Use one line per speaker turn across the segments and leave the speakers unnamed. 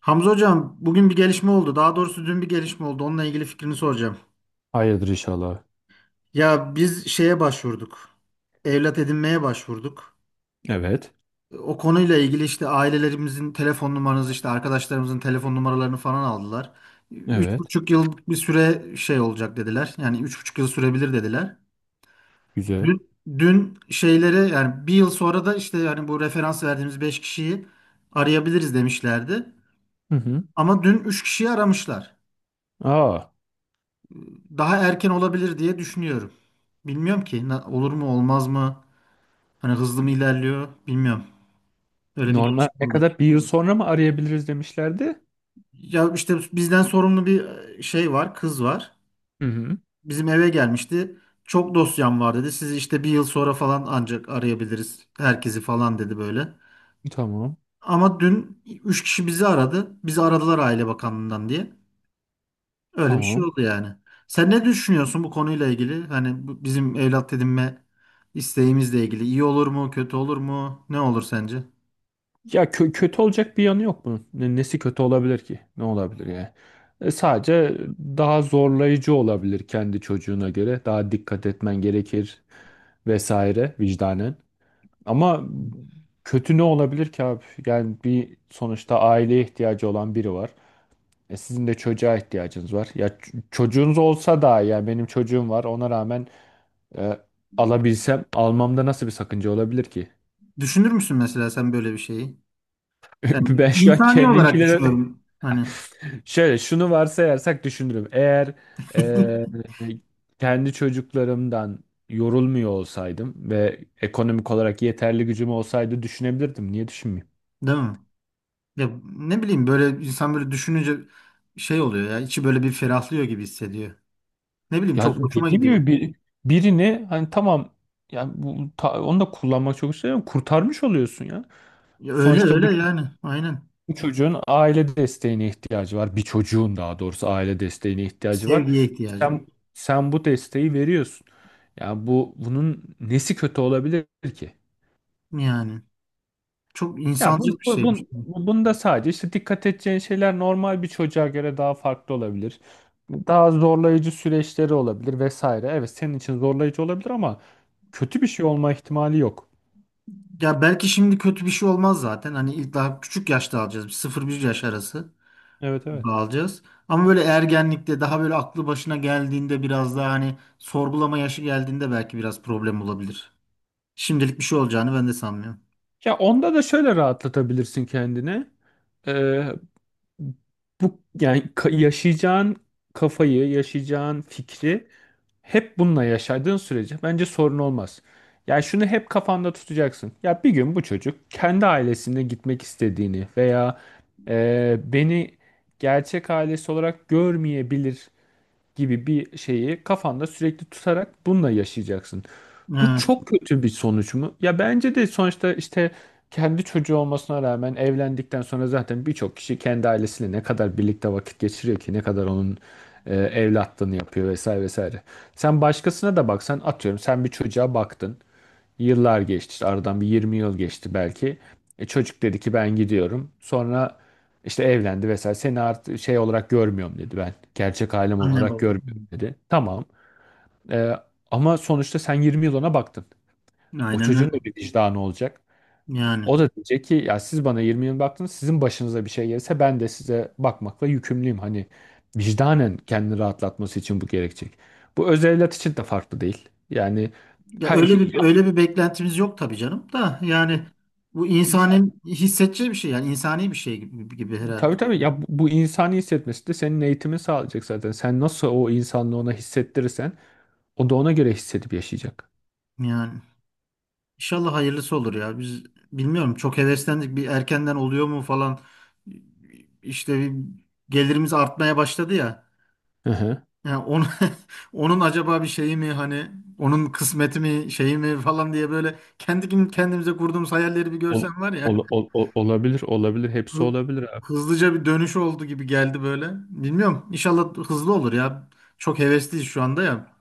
Hamza hocam bugün bir gelişme oldu. Daha doğrusu dün bir gelişme oldu. Onunla ilgili fikrini soracağım.
Hayırdır inşallah.
Ya biz şeye başvurduk. Evlat edinmeye başvurduk.
Evet.
O konuyla ilgili işte ailelerimizin telefon numaranızı işte arkadaşlarımızın telefon numaralarını falan aldılar. Üç
Evet.
buçuk yıl bir süre şey olacak dediler. Yani 3,5 yıl sürebilir dediler.
Güzel.
Dün, dün şeylere yani bir yıl sonra da işte yani bu referans verdiğimiz beş kişiyi arayabiliriz demişlerdi.
Hı hı.
Ama dün üç kişiyi aramışlar.
Aa,
Daha erken olabilir diye düşünüyorum. Bilmiyorum ki olur mu olmaz mı? Hani hızlı mı ilerliyor bilmiyorum. Öyle bir
normal ne
gelişme oldu.
kadar, bir yıl sonra mı arayabiliriz demişlerdi?
Ya işte bizden sorumlu bir şey var, kız var.
Hı hı.
Bizim eve gelmişti. Çok dosyam var dedi. Sizi işte bir yıl sonra falan ancak arayabiliriz herkesi falan dedi böyle.
Tamam.
Ama dün 3 kişi bizi aradı. Bizi aradılar Aile Bakanlığı'ndan diye. Öyle bir şey
Tamam.
oldu yani. Sen ne düşünüyorsun bu konuyla ilgili? Hani bu bizim evlat edinme isteğimizle ilgili. İyi olur mu, kötü olur mu? Ne olur sence?
Ya kötü olacak bir yanı yok bunun. Nesi kötü olabilir ki? Ne olabilir yani? Sadece daha zorlayıcı olabilir kendi çocuğuna göre. Daha dikkat etmen gerekir vesaire, vicdanen. Ama kötü ne olabilir ki abi? Yani bir sonuçta aileye ihtiyacı olan biri var. Sizin de çocuğa ihtiyacınız var. Ya çocuğunuz olsa da, yani benim çocuğum var. Ona rağmen e, alabilsem, almamda nasıl bir sakınca olabilir ki?
Düşünür müsün mesela sen böyle bir şeyi? Yani
Ben şu an
insani olarak
kendimkilere…
düşünüyorum. Hani
Şöyle, şunu varsayarsak düşünürüm. Eğer e, kendi çocuklarımdan yorulmuyor olsaydım ve ekonomik olarak yeterli gücüm olsaydı, düşünebilirdim. Niye düşünmeyeyim?
değil mi? Ya ne bileyim böyle insan böyle düşününce şey oluyor ya içi böyle bir ferahlıyor gibi hissediyor. Ne bileyim
Ya
çok hoşuma
dediğim
gidiyor.
gibi birini hani, tamam, yani onu da kullanmak çok istiyorum. Kurtarmış oluyorsun ya.
Ya öyle
Sonuçta bu
öyle yani aynen.
Bu çocuğun aile desteğine ihtiyacı var. Bir çocuğun, daha doğrusu, aile desteğine ihtiyacı var.
Sevgiye ihtiyacı var.
Sen sen bu desteği veriyorsun. Ya bunun nesi kötü olabilir ki?
Yani çok
Ya bun,
insancıl bir
bu,
şeymiş.
bun, bu- bunda sadece işte dikkat edeceğin şeyler normal bir çocuğa göre daha farklı olabilir. Daha zorlayıcı süreçleri olabilir vesaire. Evet, senin için zorlayıcı olabilir ama kötü bir şey olma ihtimali yok.
Ya belki şimdi kötü bir şey olmaz zaten. Hani ilk daha küçük yaşta alacağız. Bir sıfır 1 yaş arası
Evet, evet.
gibi alacağız. Ama böyle ergenlikte daha böyle aklı başına geldiğinde biraz daha hani sorgulama yaşı geldiğinde belki biraz problem olabilir. Şimdilik bir şey olacağını ben de sanmıyorum.
Ya onda da şöyle rahatlatabilirsin kendini. Ee, Bu, yani yaşayacağın fikri, hep bununla yaşadığın sürece bence sorun olmaz. Yani şunu hep kafanda tutacaksın. Ya bir gün bu çocuk kendi ailesine gitmek istediğini veya beni gerçek ailesi olarak görmeyebilir gibi bir şeyi kafanda sürekli tutarak bununla yaşayacaksın. Bu
Evet.
çok kötü bir sonuç mu? Ya bence de, sonuçta işte kendi çocuğu olmasına rağmen evlendikten sonra zaten birçok kişi kendi ailesiyle ne kadar birlikte vakit geçiriyor ki, ne kadar onun evlatlığını yapıyor vesaire vesaire. Sen başkasına da baksan, atıyorum, sen bir çocuğa baktın. Yıllar geçti işte, aradan bir 20 yıl geçti belki. Çocuk dedi ki ben gidiyorum. Sonra işte evlendi vesaire. Seni artık şey olarak görmüyorum dedi, ben gerçek ailem
Anne
olarak
baba.
görmüyorum dedi. Tamam. E, Ama sonuçta sen 20 yıl ona baktın. O
Aynen öyle.
çocuğun da bir vicdanı olacak.
Yani
O da diyecek ki ya, siz bana 20 yıl baktınız, sizin başınıza bir şey gelirse ben de size bakmakla yükümlüyüm. Hani vicdanen kendini rahatlatması için bu gerekecek. Bu öz evlat için de farklı değil. Yani
ya
ha, ya,
öyle bir beklentimiz yok tabii canım da yani bu
ya-
insanın hissedeceği bir şey yani insani bir şey gibi, gibi herhalde.
tabii tabii, ya bu insani hissetmesi de senin eğitimin sağlayacak zaten. Sen nasıl o insanlığı ona hissettirirsen, o da ona göre hissedip yaşayacak.
Yani İnşallah hayırlısı olur ya. Biz bilmiyorum çok heveslendik. Bir erkenden oluyor mu falan. İşte bir gelirimiz artmaya başladı ya.
Hı hı.
Yani onu, onun acaba bir şeyi mi hani onun kısmeti mi şeyi mi falan diye böyle kendi kendimize kurduğumuz hayalleri bir
Ol,
görsen var ya.
olabilir, olabilir. Hepsi
Hı-
olabilir abi.
Hızlıca bir dönüş oldu gibi geldi böyle. Bilmiyorum. İnşallah hızlı olur ya. Çok hevesliyiz şu anda ya.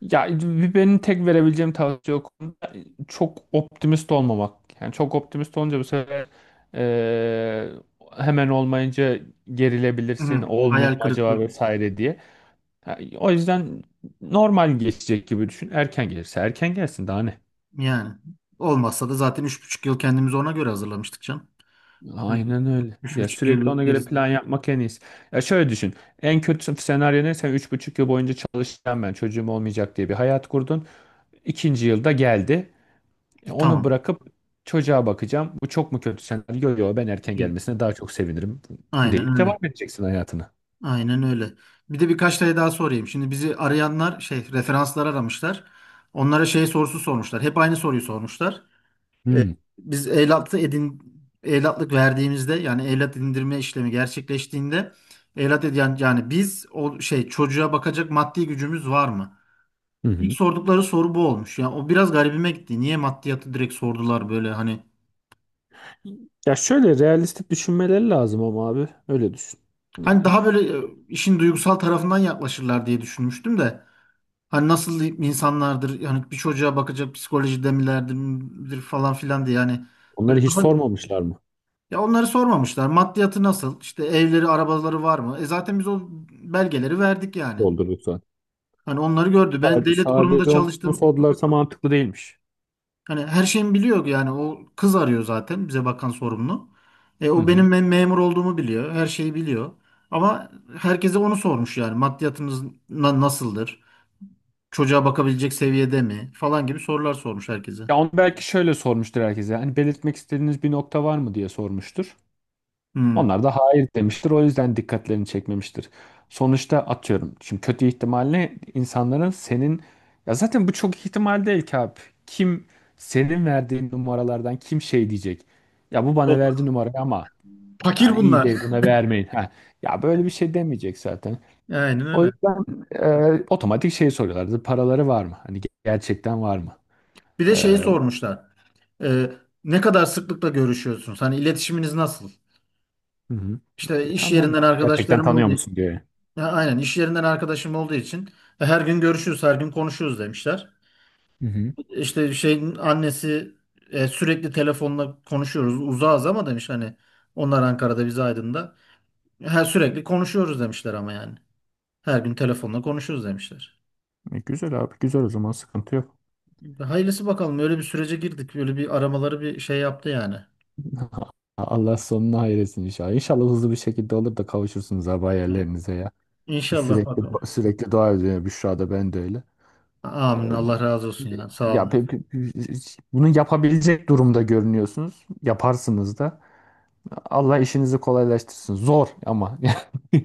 Ya, bir benim tek verebileceğim tavsiye o konuda çok optimist olmamak. Yani çok optimist olunca bu sefer eee, hemen olmayınca gerilebilirsin,
Hı,
olmuyor mu
hayal kırıklığı
acaba vesaire diye. Ha, o yüzden normal geçecek gibi düşün. Erken gelirse erken gelsin, daha ne?
yani. Olmazsa da zaten 3,5 yıl kendimizi ona göre hazırlamıştık canım. Hı.
Aynen öyle.
Üç
Ya
buçuk
sürekli ona
yıllık
göre
gerisi.
plan yapmak en iyisi. Ya şöyle düşün. En kötü senaryo ne? Sen üç buçuk yıl boyunca çalışacağım ben, çocuğum olmayacak diye bir hayat kurdun. İkinci yılda geldi. Onu
Tamam.
bırakıp çocuğa bakacağım. Bu çok mu kötü senaryo? Yok, ben erken
Yok.
gelmesine daha çok sevinirim
Aynen
deyip
öyle.
devam edeceksin hayatına.
Aynen öyle. Bir de birkaç tane daha sorayım. Şimdi bizi arayanlar şey referanslar aramışlar. Onlara şey sorusu sormuşlar. Hep aynı soruyu sormuşlar. Ee,
Hmm.
biz evlatlık verdiğimizde yani evlat edindirme işlemi gerçekleştiğinde evlat edin yani yani biz o şey çocuğa bakacak maddi gücümüz var mı?
Hı
İlk
hı.
sordukları soru bu olmuş. Yani o biraz garibime gitti. Niye maddiyatı direkt sordular böyle hani
Ya şöyle realistik düşünmeleri lazım ama abi. Öyle düşün. Hani…
Hani Daha böyle işin duygusal tarafından yaklaşırlar diye düşünmüştüm de. Hani nasıl insanlardır yani bir çocuğa bakacak psikolojide milerdir midir falan filan diye yani böyle
Onları hiç
daha
sormamışlar mı?
ya onları sormamışlar. Maddiyatı nasıl? İşte evleri, arabaları var mı? E zaten biz o belgeleri verdik yani.
Doldurduk zaten.
Hani onları gördü. Ben
Sadece
devlet kurumunda
sadece onu
çalıştım.
sordularsa mantıklı değilmiş.
Hani her şeyimi biliyor yani o kız arıyor zaten bize bakan sorumlu.
Hı
O benim
hı.
memur olduğumu biliyor. Her şeyi biliyor. Ama herkese onu sormuş yani maddiyatınız nasıldır? Çocuğa bakabilecek seviyede mi falan gibi sorular sormuş herkese.
Ya onu belki şöyle sormuştur herkese. Hani belirtmek istediğiniz bir nokta var mı diye sormuştur.
Hmm.
Onlar da hayır demiştir. O yüzden dikkatlerini çekmemiştir. Sonuçta, atıyorum, şimdi kötü ihtimalle insanların senin… Ya zaten bu çok ihtimal değil ki abi. Kim senin verdiğin numaralardan, kim şey diyecek? Ya bu bana
Çok
verdi numarayı ama
fakir
yani iyi
bunlar.
değil, buna vermeyin. Ha. Ya böyle bir şey demeyecek zaten.
Aynen
O
öyle.
yüzden otomatik şey soruyorlardı. Paraları var mı? Hani gerçekten var mı?
Bir de şeyi
Hı
sormuşlar. Ee, ne kadar sıklıkla görüşüyorsunuz? Hani iletişiminiz nasıl?
hı.
İşte iş
Tamam, tamam.
yerinden
Gerçekten
arkadaşlarım
tanıyor
olduğu.
musun diye.
Ha, aynen, iş yerinden arkadaşım olduğu için her gün görüşüyoruz, her gün konuşuyoruz demişler.
Hı hı.
İşte şeyin annesi sürekli telefonla konuşuyoruz. Uzağız ama demiş hani onlar Ankara'da biz Aydın'da. Her sürekli konuşuyoruz demişler ama yani. Her gün telefonla konuşuyoruz demişler.
Güzel abi, güzel, o zaman sıkıntı yok.
Hayırlısı bakalım. Öyle bir sürece girdik. Öyle bir aramaları bir şey yaptı yani.
Allah sonunu hayretsin inşallah. İnşallah hızlı bir şekilde olur da kavuşursunuz abi hayallerinize ya.
İnşallah
Sürekli
bakalım.
sürekli dua ediyor Büşra da, ben de öyle. Ee,
Amin. Allah razı olsun ya. Sağ
Ya
olun.
bunu yapabilecek durumda görünüyorsunuz. Yaparsınız da. Allah işinizi kolaylaştırsın. Zor ama.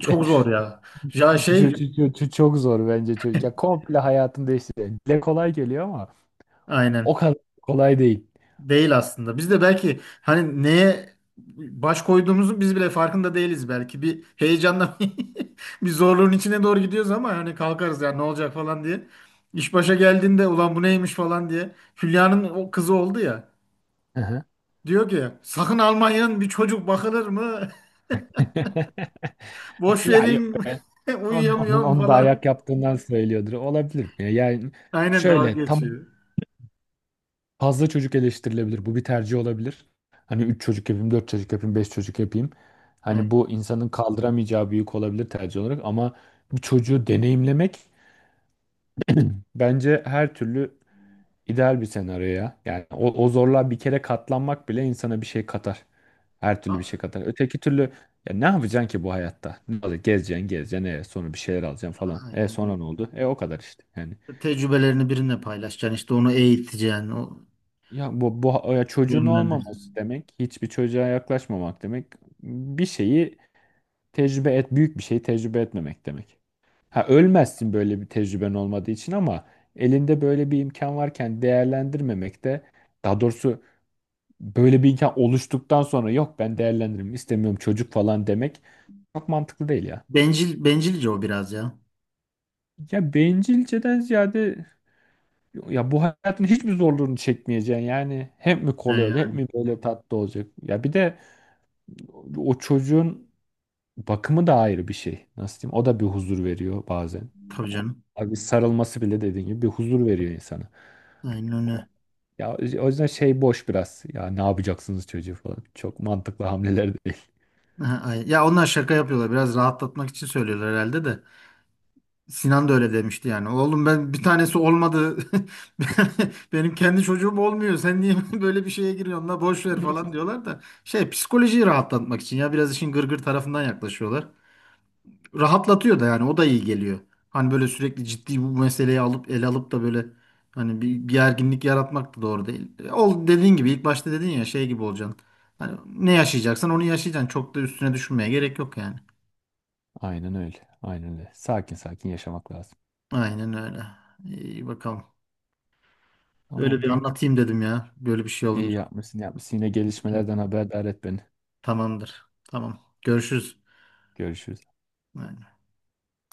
Çok zor ya. Ya
Çok,
şey
çok, çok çok zor bence, çocuk. Ya komple hayatını değiştiriyor. Dile kolay geliyor ama
aynen
o kadar kolay değil.
değil aslında. Biz de belki hani neye baş koyduğumuzu biz bile farkında değiliz belki. Bir heyecanla bir zorluğun içine doğru gidiyoruz ama hani kalkarız ya ne olacak falan diye. İş başa geldiğinde ulan bu neymiş falan diye. Hülya'nın o kızı oldu ya.
Hı hı.
Diyor ki sakın Almanya'nın bir çocuk bakılır mı? Boş
Ya yok
verin
be. Onun, onun,
uyuyamıyorum
onu da
falan.
ayak yaptığından söylüyordur. Olabilir mi ya? Yani
Aynen dalga
şöyle, tam
geçiyor.
fazla çocuk eleştirilebilir. Bu bir tercih olabilir. Hani 3 çocuk yapayım, 4 çocuk yapayım, 5 çocuk yapayım.
Evet.
Hani bu insanın kaldıramayacağı büyük olabilir tercih olarak ama bir çocuğu deneyimlemek bence her türlü ideal bir senaryo ya. Yani o zorluğa bir kere katlanmak bile insana bir şey katar. Her türlü bir şey
A-
katar. Öteki türlü ya ne yapacaksın ki bu hayatta? Ne olacak? Gezeceksin, gezeceksin. Sonra bir şeyler alacaksın falan. E
Aynen
sonra
öyle.
ne oldu? E o kadar işte. Yani
Tecrübelerini birine paylaşacaksın, işte onu eğiteceksin, o
ya bu, bu ya çocuğun
yönlendireceksin.
olmaması demek, hiçbir çocuğa yaklaşmamak demek. Bir şeyi tecrübe et, Büyük bir şeyi tecrübe etmemek demek. Ha, ölmezsin böyle bir tecrüben olmadığı için ama elinde böyle bir imkan varken değerlendirmemek de, daha doğrusu, böyle bir imkan oluştuktan sonra yok, ben değerlendiririm, istemiyorum çocuk falan demek, çok mantıklı değil ya.
Bencilce o biraz ya.
Ya bencilceden ziyade, ya bu hayatın hiçbir zorluğunu çekmeyeceksin, yani hep mi kolay
Yani,
olacak, hep
yani
mi böyle tatlı olacak? Ya bir de o çocuğun bakımı da ayrı bir şey, nasıl diyeyim, o da bir huzur veriyor bazen.
tabii
O-
canım.
Abi, sarılması bile, dediğin gibi, bir huzur veriyor insana.
Aynen
O-
öyle.
Ya, o yüzden şey, boş biraz. Ya ne yapacaksınız çocuğu falan. Çok mantıklı hamleler değil.
Aha, aynen. Ya onlar şaka yapıyorlar. Biraz rahatlatmak için söylüyorlar herhalde de. Sinan da öyle demişti yani. Oğlum ben bir tanesi olmadı. Benim kendi çocuğum olmuyor. Sen niye böyle bir şeye giriyorsun la boş ver falan diyorlar da. Şey psikolojiyi rahatlatmak için ya biraz işin gırgır tarafından yaklaşıyorlar. Rahatlatıyor da yani o da iyi geliyor. Hani böyle sürekli ciddi bu meseleyi alıp ele alıp da böyle hani bir gerginlik yaratmak da doğru değil. Ol dediğin gibi ilk başta dedin ya şey gibi olacaksın. Hani ne yaşayacaksan onu yaşayacaksın. Çok da üstüne düşünmeye gerek yok yani.
Aynen öyle. Aynen öyle. Sakin sakin yaşamak lazım.
Aynen öyle. İyi bakalım. Öyle bir
Tamamdır öyle.
anlatayım dedim ya. Böyle bir şey
İyi
olunca.
yapmışsın, yapmışsın. Yine gelişmelerden haberdar et beni.
Tamamdır. Tamam. Görüşürüz.
Görüşürüz.
Aynen.